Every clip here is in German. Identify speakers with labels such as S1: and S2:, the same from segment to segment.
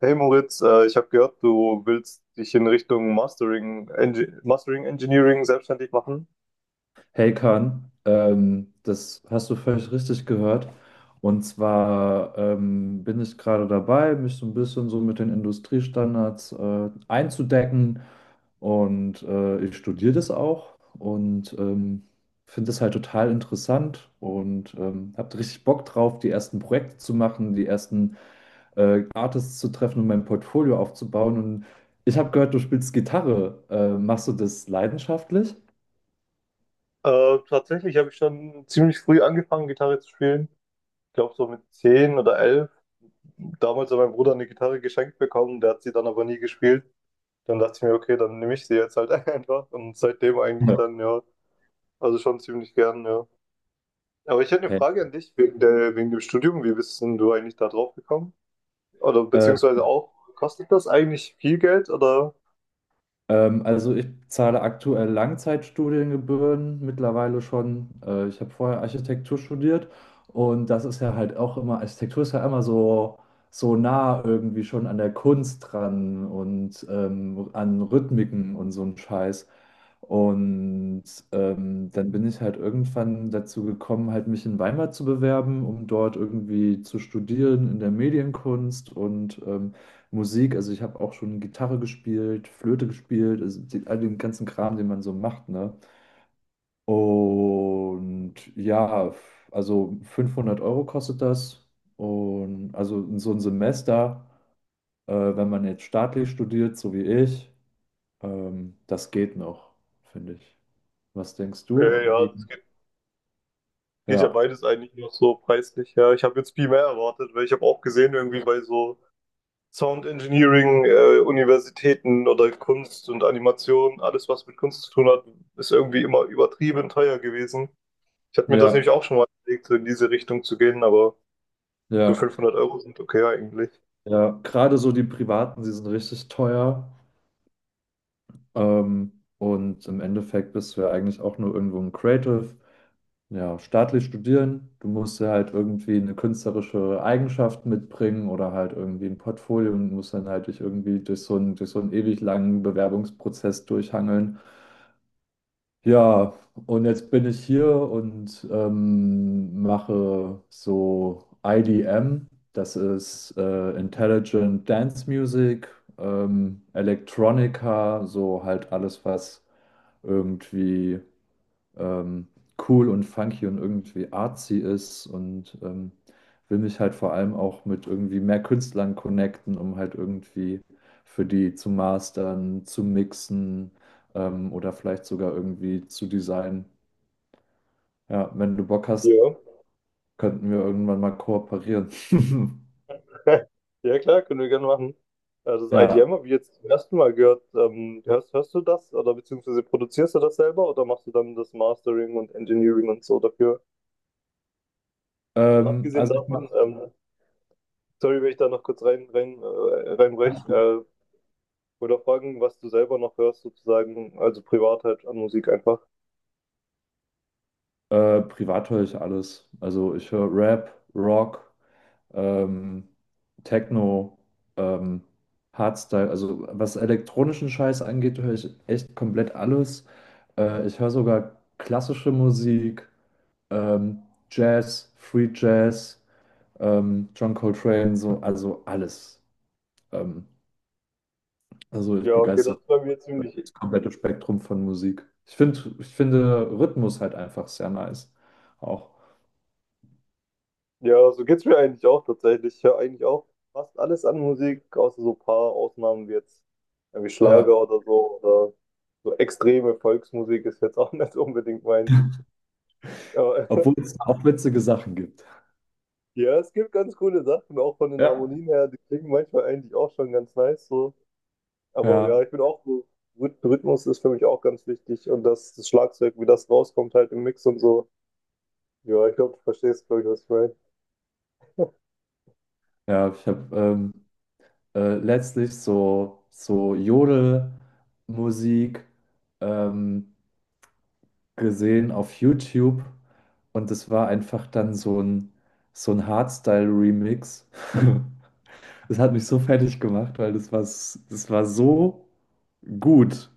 S1: Hey Moritz, ich habe gehört, du willst dich in Richtung Mastering, Engi Mastering Engineering selbstständig machen.
S2: Hey Kahn, das hast du völlig richtig gehört. Und zwar bin ich gerade dabei, mich so ein bisschen so mit den Industriestandards einzudecken. Und ich studiere das auch und finde das halt total interessant und habe richtig Bock drauf, die ersten Projekte zu machen, die ersten Artists zu treffen und mein Portfolio aufzubauen. Und ich habe gehört, du spielst Gitarre. Machst du das leidenschaftlich?
S1: Tatsächlich habe ich schon ziemlich früh angefangen, Gitarre zu spielen. Ich glaube so mit 10 oder 11. Damals hat mein Bruder eine Gitarre geschenkt bekommen, der hat sie dann aber nie gespielt. Dann dachte ich mir, okay, dann nehme ich sie jetzt halt einfach. Und seitdem eigentlich
S2: Ja.
S1: dann, ja, also schon ziemlich gern, ja. Aber ich hätte eine
S2: Hey.
S1: Frage an dich wegen dem Studium. Wie bist denn du eigentlich da drauf gekommen? Oder
S2: äh,
S1: beziehungsweise auch, kostet das eigentlich viel Geld oder?
S2: Also ich zahle aktuell Langzeitstudiengebühren mittlerweile schon. Ich habe vorher Architektur studiert, und das ist ja halt auch immer, Architektur ist ja immer so, so nah irgendwie schon an der Kunst dran und an Rhythmiken und so ein Scheiß. Und dann bin ich halt irgendwann dazu gekommen, halt mich in Weimar zu bewerben, um dort irgendwie zu studieren in der Medienkunst und Musik. Also ich habe auch schon Gitarre gespielt, Flöte gespielt, also all den ganzen Kram, den man so macht, ne? Und ja, also 500 Euro kostet das. Und also so ein Semester, wenn man jetzt staatlich studiert, so wie ich, das geht noch, finde ich. Was denkst
S1: Okay,
S2: du?
S1: ja,
S2: Wie?
S1: das geht, geht ja
S2: Ja,
S1: beides eigentlich noch so preislich. Ja, ich habe jetzt viel mehr erwartet, weil ich habe auch gesehen, irgendwie bei so Sound Engineering, Universitäten oder Kunst und Animation, alles was mit Kunst zu tun hat, ist irgendwie immer übertrieben teuer gewesen. Ich hatte mir das
S2: ja,
S1: nämlich auch schon mal überlegt, so in diese Richtung zu gehen, aber so
S2: ja,
S1: 500 € sind okay eigentlich.
S2: ja. Gerade so die privaten, die sind richtig teuer. Ähm, und im Endeffekt bist du ja eigentlich auch nur irgendwo ein Creative. Ja, staatlich studieren. Du musst ja halt irgendwie eine künstlerische Eigenschaft mitbringen oder halt irgendwie ein Portfolio und musst dann halt dich irgendwie durch so einen ewig langen Bewerbungsprozess durchhangeln. Ja, und jetzt bin ich hier und mache so IDM. Das ist Intelligent Dance Music, Electronica, so halt alles, was irgendwie ähm, cool und funky und irgendwie artsy ist, und will mich halt vor allem auch mit irgendwie mehr Künstlern connecten, um halt irgendwie für die zu mastern, zu mixen oder vielleicht sogar irgendwie zu designen. Ja, wenn du Bock hast,
S1: Ja.
S2: könnten wir irgendwann mal kooperieren.
S1: Ja, klar, können wir gerne machen. Das
S2: Ja,
S1: IDM habe ich jetzt zum ersten Mal gehört. Hörst du das oder beziehungsweise produzierst du das selber oder machst du dann das Mastering und Engineering und so dafür? Und abgesehen
S2: also ich
S1: davon,
S2: mache
S1: sorry, wenn ich da noch kurz reinbrech,
S2: ganz gut.
S1: oder fragen, was du selber noch hörst sozusagen, also privat halt an Musik einfach.
S2: Privat höre ich alles. Also ich höre Rap, Rock, ähm, Techno, ähm, Hardstyle, also was elektronischen Scheiß angeht, höre ich echt komplett alles. Ich höre sogar klassische Musik, ähm, Jazz, Free Jazz, John Coltrane, so, also alles. Ähm, also ich
S1: Ja, okay, das
S2: begeistere
S1: ist bei mir ziemlich.
S2: das komplette Spektrum von Musik. Ich finde Rhythmus halt einfach sehr nice. Auch.
S1: Ja, so geht's mir eigentlich auch tatsächlich. Ich höre eigentlich auch fast alles an Musik, außer so ein paar Ausnahmen wie jetzt irgendwie Schlager
S2: Ja.
S1: oder so extreme Volksmusik ist jetzt auch nicht unbedingt meins. Aber
S2: Obwohl es auch witzige Sachen gibt.
S1: ja, es gibt ganz coole Sachen, auch von den
S2: Ja.
S1: Harmonien her, die klingen manchmal eigentlich auch schon ganz nice so. Aber ja,
S2: Ja,
S1: ich bin auch so, Rhythmus ist für mich auch ganz wichtig und das Schlagzeug, wie das rauskommt halt im Mix und so. Ja, ich glaube, du verstehst, glaube ich, was ich meine.
S2: ja, ich habe letztlich so, so Jodelmusik ähm, gesehen auf YouTube, und es war einfach dann so ein Hardstyle-Remix. Das hat mich so fertig gemacht, weil das war, das war so gut.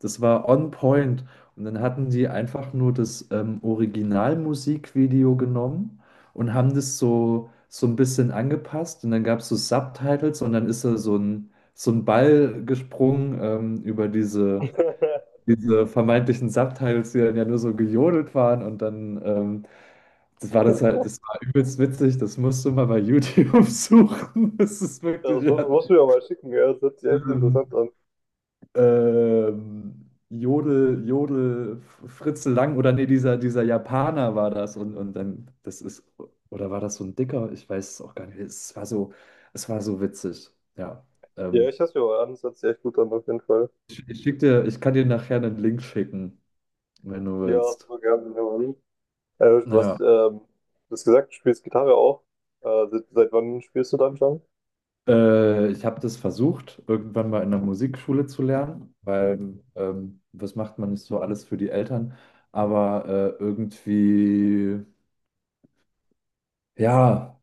S2: Das war on point. Und dann hatten die einfach nur das Originalmusikvideo genommen und haben das so, so ein bisschen angepasst. Und dann gab es so Subtitles und dann ist da so ein Ball gesprungen über diese diese vermeintlichen Subtitles, die dann ja nur so gejodelt waren, und dann, das war übelst witzig, das musst du mal bei YouTube suchen. Das ist
S1: Das
S2: wirklich,
S1: muss,
S2: ja,
S1: musst du mir mal schicken, ja, das hört sich echt
S2: ähm,
S1: interessant an.
S2: Jodel, Jodel, Fritze Lang, oder nee, dieser Japaner war das, und dann, das ist, oder war das so ein Dicker? Ich weiß es auch gar nicht. Es war so witzig, ja.
S1: Ja,
S2: Ähm,
S1: ich hasse mir an, das hört sich echt gut an, auf jeden Fall.
S2: ich kann dir nachher einen Link schicken, wenn du
S1: Ja,
S2: willst.
S1: super gerne. Ja, Mann. Äh, was,
S2: Ja.
S1: ähm, du hast gesagt, du spielst Gitarre auch. Seit wann spielst du dann schon?
S2: Ich habe das versucht, irgendwann mal in der Musikschule zu lernen, weil was macht man nicht so alles für die Eltern? Aber irgendwie, ja,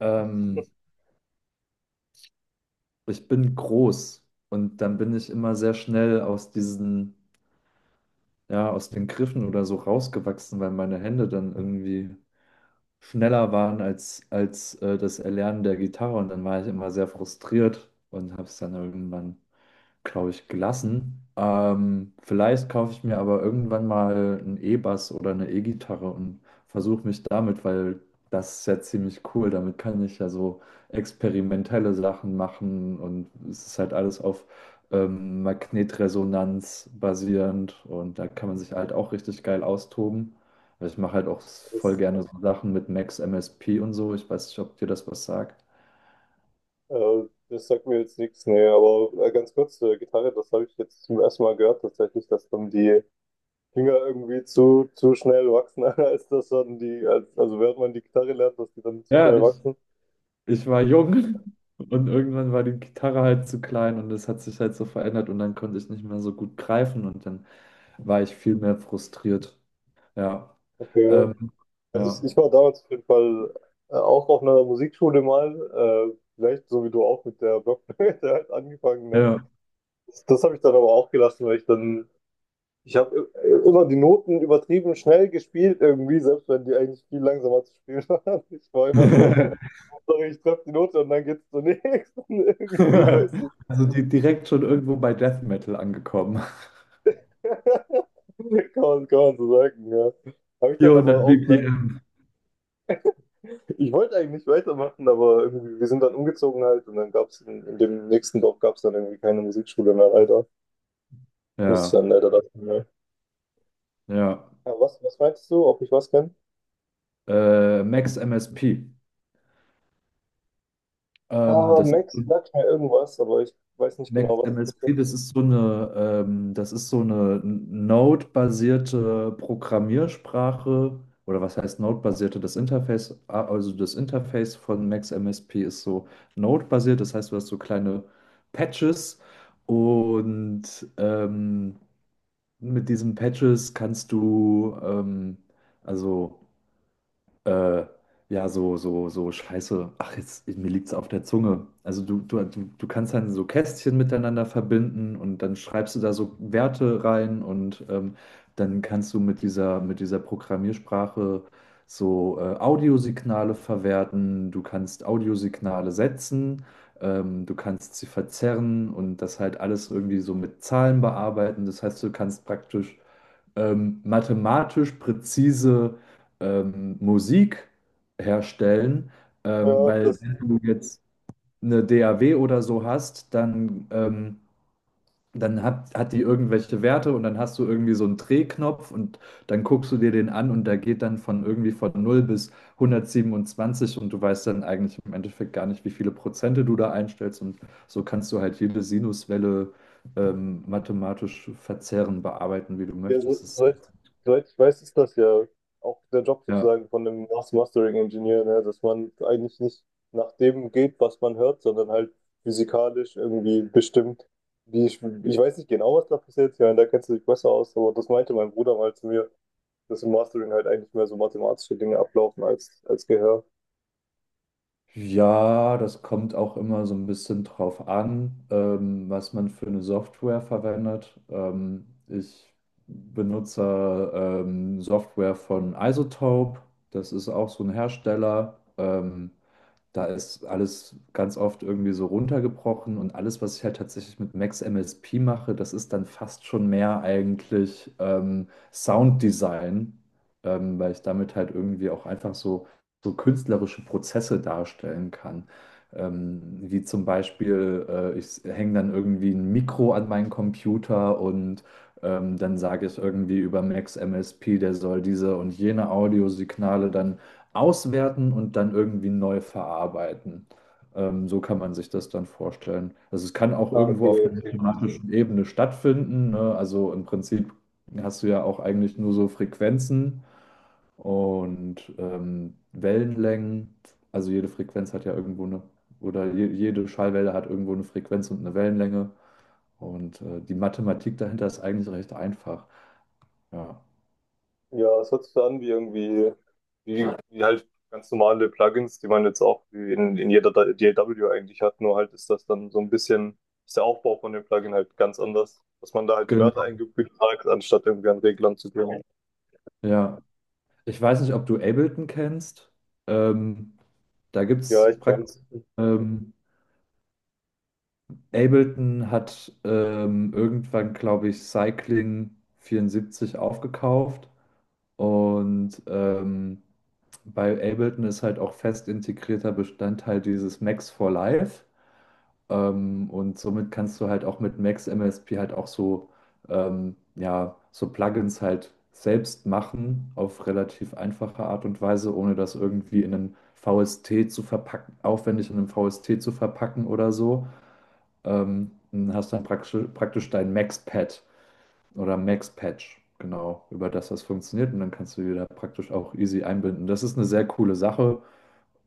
S2: ähm, ich bin groß und dann bin ich immer sehr schnell aus diesen, ja, aus den Griffen oder so rausgewachsen, weil meine Hände dann irgendwie schneller waren als das Erlernen der Gitarre, und dann war ich immer sehr frustriert und habe es dann irgendwann, glaube ich, gelassen. Vielleicht kaufe ich mir aber irgendwann mal einen E-Bass oder eine E-Gitarre und versuche mich damit, weil das ist ja ziemlich cool. Damit kann ich ja so experimentelle Sachen machen und es ist halt alles auf Magnetresonanz basierend und da kann man sich halt auch richtig geil austoben. Also ich mache halt auch voll
S1: Das,
S2: gerne so Sachen mit Max MSP und so. Ich weiß nicht, ob dir das was sagt.
S1: äh, das sagt mir jetzt nichts, nee, aber ganz kurz, Gitarre, das habe ich jetzt zum ersten Mal gehört, tatsächlich, dass dann die Finger irgendwie zu schnell wachsen, als dass dann also während man die Gitarre lernt, dass die dann zu
S2: Ja,
S1: schnell
S2: ich,
S1: wachsen.
S2: ich war jung und irgendwann war die Gitarre halt zu klein und es hat sich halt so verändert und dann konnte ich nicht mehr so gut greifen und dann war ich viel mehr frustriert. Ja,
S1: Okay.
S2: ähm, ja,
S1: Ich war damals auf jeden Fall auch auf einer Musikschule mal, vielleicht so wie du auch mit der Blockflöte halt angefangen, ne?
S2: ja.
S1: Das habe ich dann aber auch gelassen, weil ich dann, ich habe immer die Noten übertrieben schnell gespielt irgendwie, selbst wenn die eigentlich viel langsamer zu spielen waren. Ich war immer so, Hauptsache ich treffe die Note und dann geht's zur nächsten irgendwie, weißt du.
S2: Also direkt schon irgendwo bei Death Metal angekommen.
S1: Kann man so sagen, ja. Habe ich dann aber
S2: 400
S1: auch.
S2: BPM.
S1: Ich wollte eigentlich weitermachen, aber irgendwie, wir sind dann umgezogen halt und dann gab es in dem nächsten Dorf gab es dann irgendwie keine Musikschule mehr, leider. Musste
S2: Ja,
S1: dann leider das. Ja,
S2: ja.
S1: ah, was, was meinst du, ob ich was kenne?
S2: Max MSP.
S1: Ah,
S2: Das ist
S1: Max
S2: so
S1: sagt mir irgendwas, aber ich weiß nicht
S2: Max
S1: genau, was das
S2: MSP,
S1: ist.
S2: das ist so eine, das ist so eine Node-basierte Programmiersprache. Oder was heißt Node-basierte? Das Interface, ah, also das Interface von Max MSP ist so Node-basiert. Das heißt, du hast so kleine Patches, und ähm, mit diesen Patches kannst du, also äh, ja, so Scheiße, ach, jetzt, mir liegt's auf der Zunge. Also du kannst dann so Kästchen miteinander verbinden und dann schreibst du da so Werte rein und dann kannst du mit dieser Programmiersprache so Audiosignale verwerten, du kannst Audiosignale setzen, du kannst sie verzerren und das halt alles irgendwie so mit Zahlen bearbeiten. Das heißt, du kannst praktisch mathematisch präzise Musik herstellen,
S1: Ja,
S2: weil
S1: das,
S2: wenn du jetzt eine DAW oder so hast, dann, dann hat die irgendwelche Werte und dann hast du irgendwie so einen Drehknopf und dann guckst du dir den an und der geht dann von irgendwie von null bis 127 und du weißt dann eigentlich im Endeffekt gar nicht, wie viele Prozente du da einstellst, und so kannst du halt jede Sinuswelle mathematisch verzehren, bearbeiten, wie du
S1: ja,
S2: möchtest. Das,
S1: soweit ich weiß, ist das ja auch der Job
S2: ja.
S1: sozusagen von einem Mastering-Ingenieur, ne? Dass man eigentlich nicht nach dem geht, was man hört, sondern halt physikalisch irgendwie bestimmt, ich weiß nicht genau, was da passiert, ja, da kennst du dich besser aus, aber das meinte mein Bruder mal zu mir, dass im Mastering halt eigentlich mehr so mathematische Dinge ablaufen als Gehör.
S2: Ja, das kommt auch immer so ein bisschen drauf an, was man für eine Software verwendet. Ich benutze Software von Isotope. Das ist auch so ein Hersteller. Da ist alles ganz oft irgendwie so runtergebrochen, und alles, was ich halt tatsächlich mit Max MSP mache, das ist dann fast schon mehr eigentlich Sounddesign, weil ich damit halt irgendwie auch einfach so so künstlerische Prozesse darstellen kann. Wie zum Beispiel, ich hänge dann irgendwie ein Mikro an meinen Computer und dann sage ich irgendwie über Max MSP, der soll diese und jene Audiosignale dann auswerten und dann irgendwie neu verarbeiten. So kann man sich das dann vorstellen. Also es kann auch
S1: Ah, okay,
S2: irgendwo auf einer
S1: okay.
S2: mathematischen Ebene stattfinden, ne? Also im Prinzip hast du ja auch eigentlich nur so Frequenzen und Wellenlängen. Also jede Frequenz hat ja irgendwo eine, oder jede Schallwelle hat irgendwo eine Frequenz und eine Wellenlänge. Und die Mathematik dahinter ist eigentlich recht einfach. Ja.
S1: Ja, es hört sich so an wie irgendwie, wie halt ganz normale Plugins, die man jetzt auch wie in jeder DAW eigentlich hat, nur halt ist das dann so ein bisschen, ist der Aufbau von dem Plugin halt ganz anders, dass man da halt die Werte
S2: Genau.
S1: eingefügt hat, anstatt irgendwie an Reglern zu gehen.
S2: Ja. Ich weiß nicht, ob du Ableton kennst. Ähm, Da gibt
S1: Ja,
S2: es
S1: ich
S2: praktisch.
S1: kann's.
S2: Ähm, Ableton hat irgendwann, glaube ich, Cycling 74 aufgekauft und bei Ableton ist halt auch fest integrierter Bestandteil dieses Max for Live. Und somit kannst du halt auch mit Max MSP halt auch so, ja, so Plugins halt selbst machen auf relativ einfache Art und Weise, ohne das irgendwie in einen VST zu verpacken, aufwendig in einen VST zu verpacken oder so. Dann hast dann praktisch dein Max-Pad oder Max-Patch. Genau, über das das funktioniert, und dann kannst du die da praktisch auch easy einbinden. Das ist eine sehr coole Sache.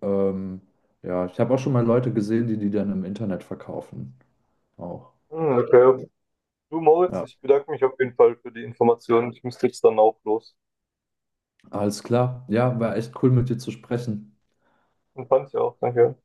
S2: Ähm, ja, ich habe auch schon mal Leute gesehen, die die dann im Internet verkaufen. Auch.
S1: Hm, okay. Du, Moritz,
S2: Ja,
S1: ich bedanke mich auf jeden Fall für die Informationen. Ich müsste jetzt dann auch los.
S2: alles klar. Ja, war echt cool mit dir zu sprechen.
S1: Und fand's ja auch, danke.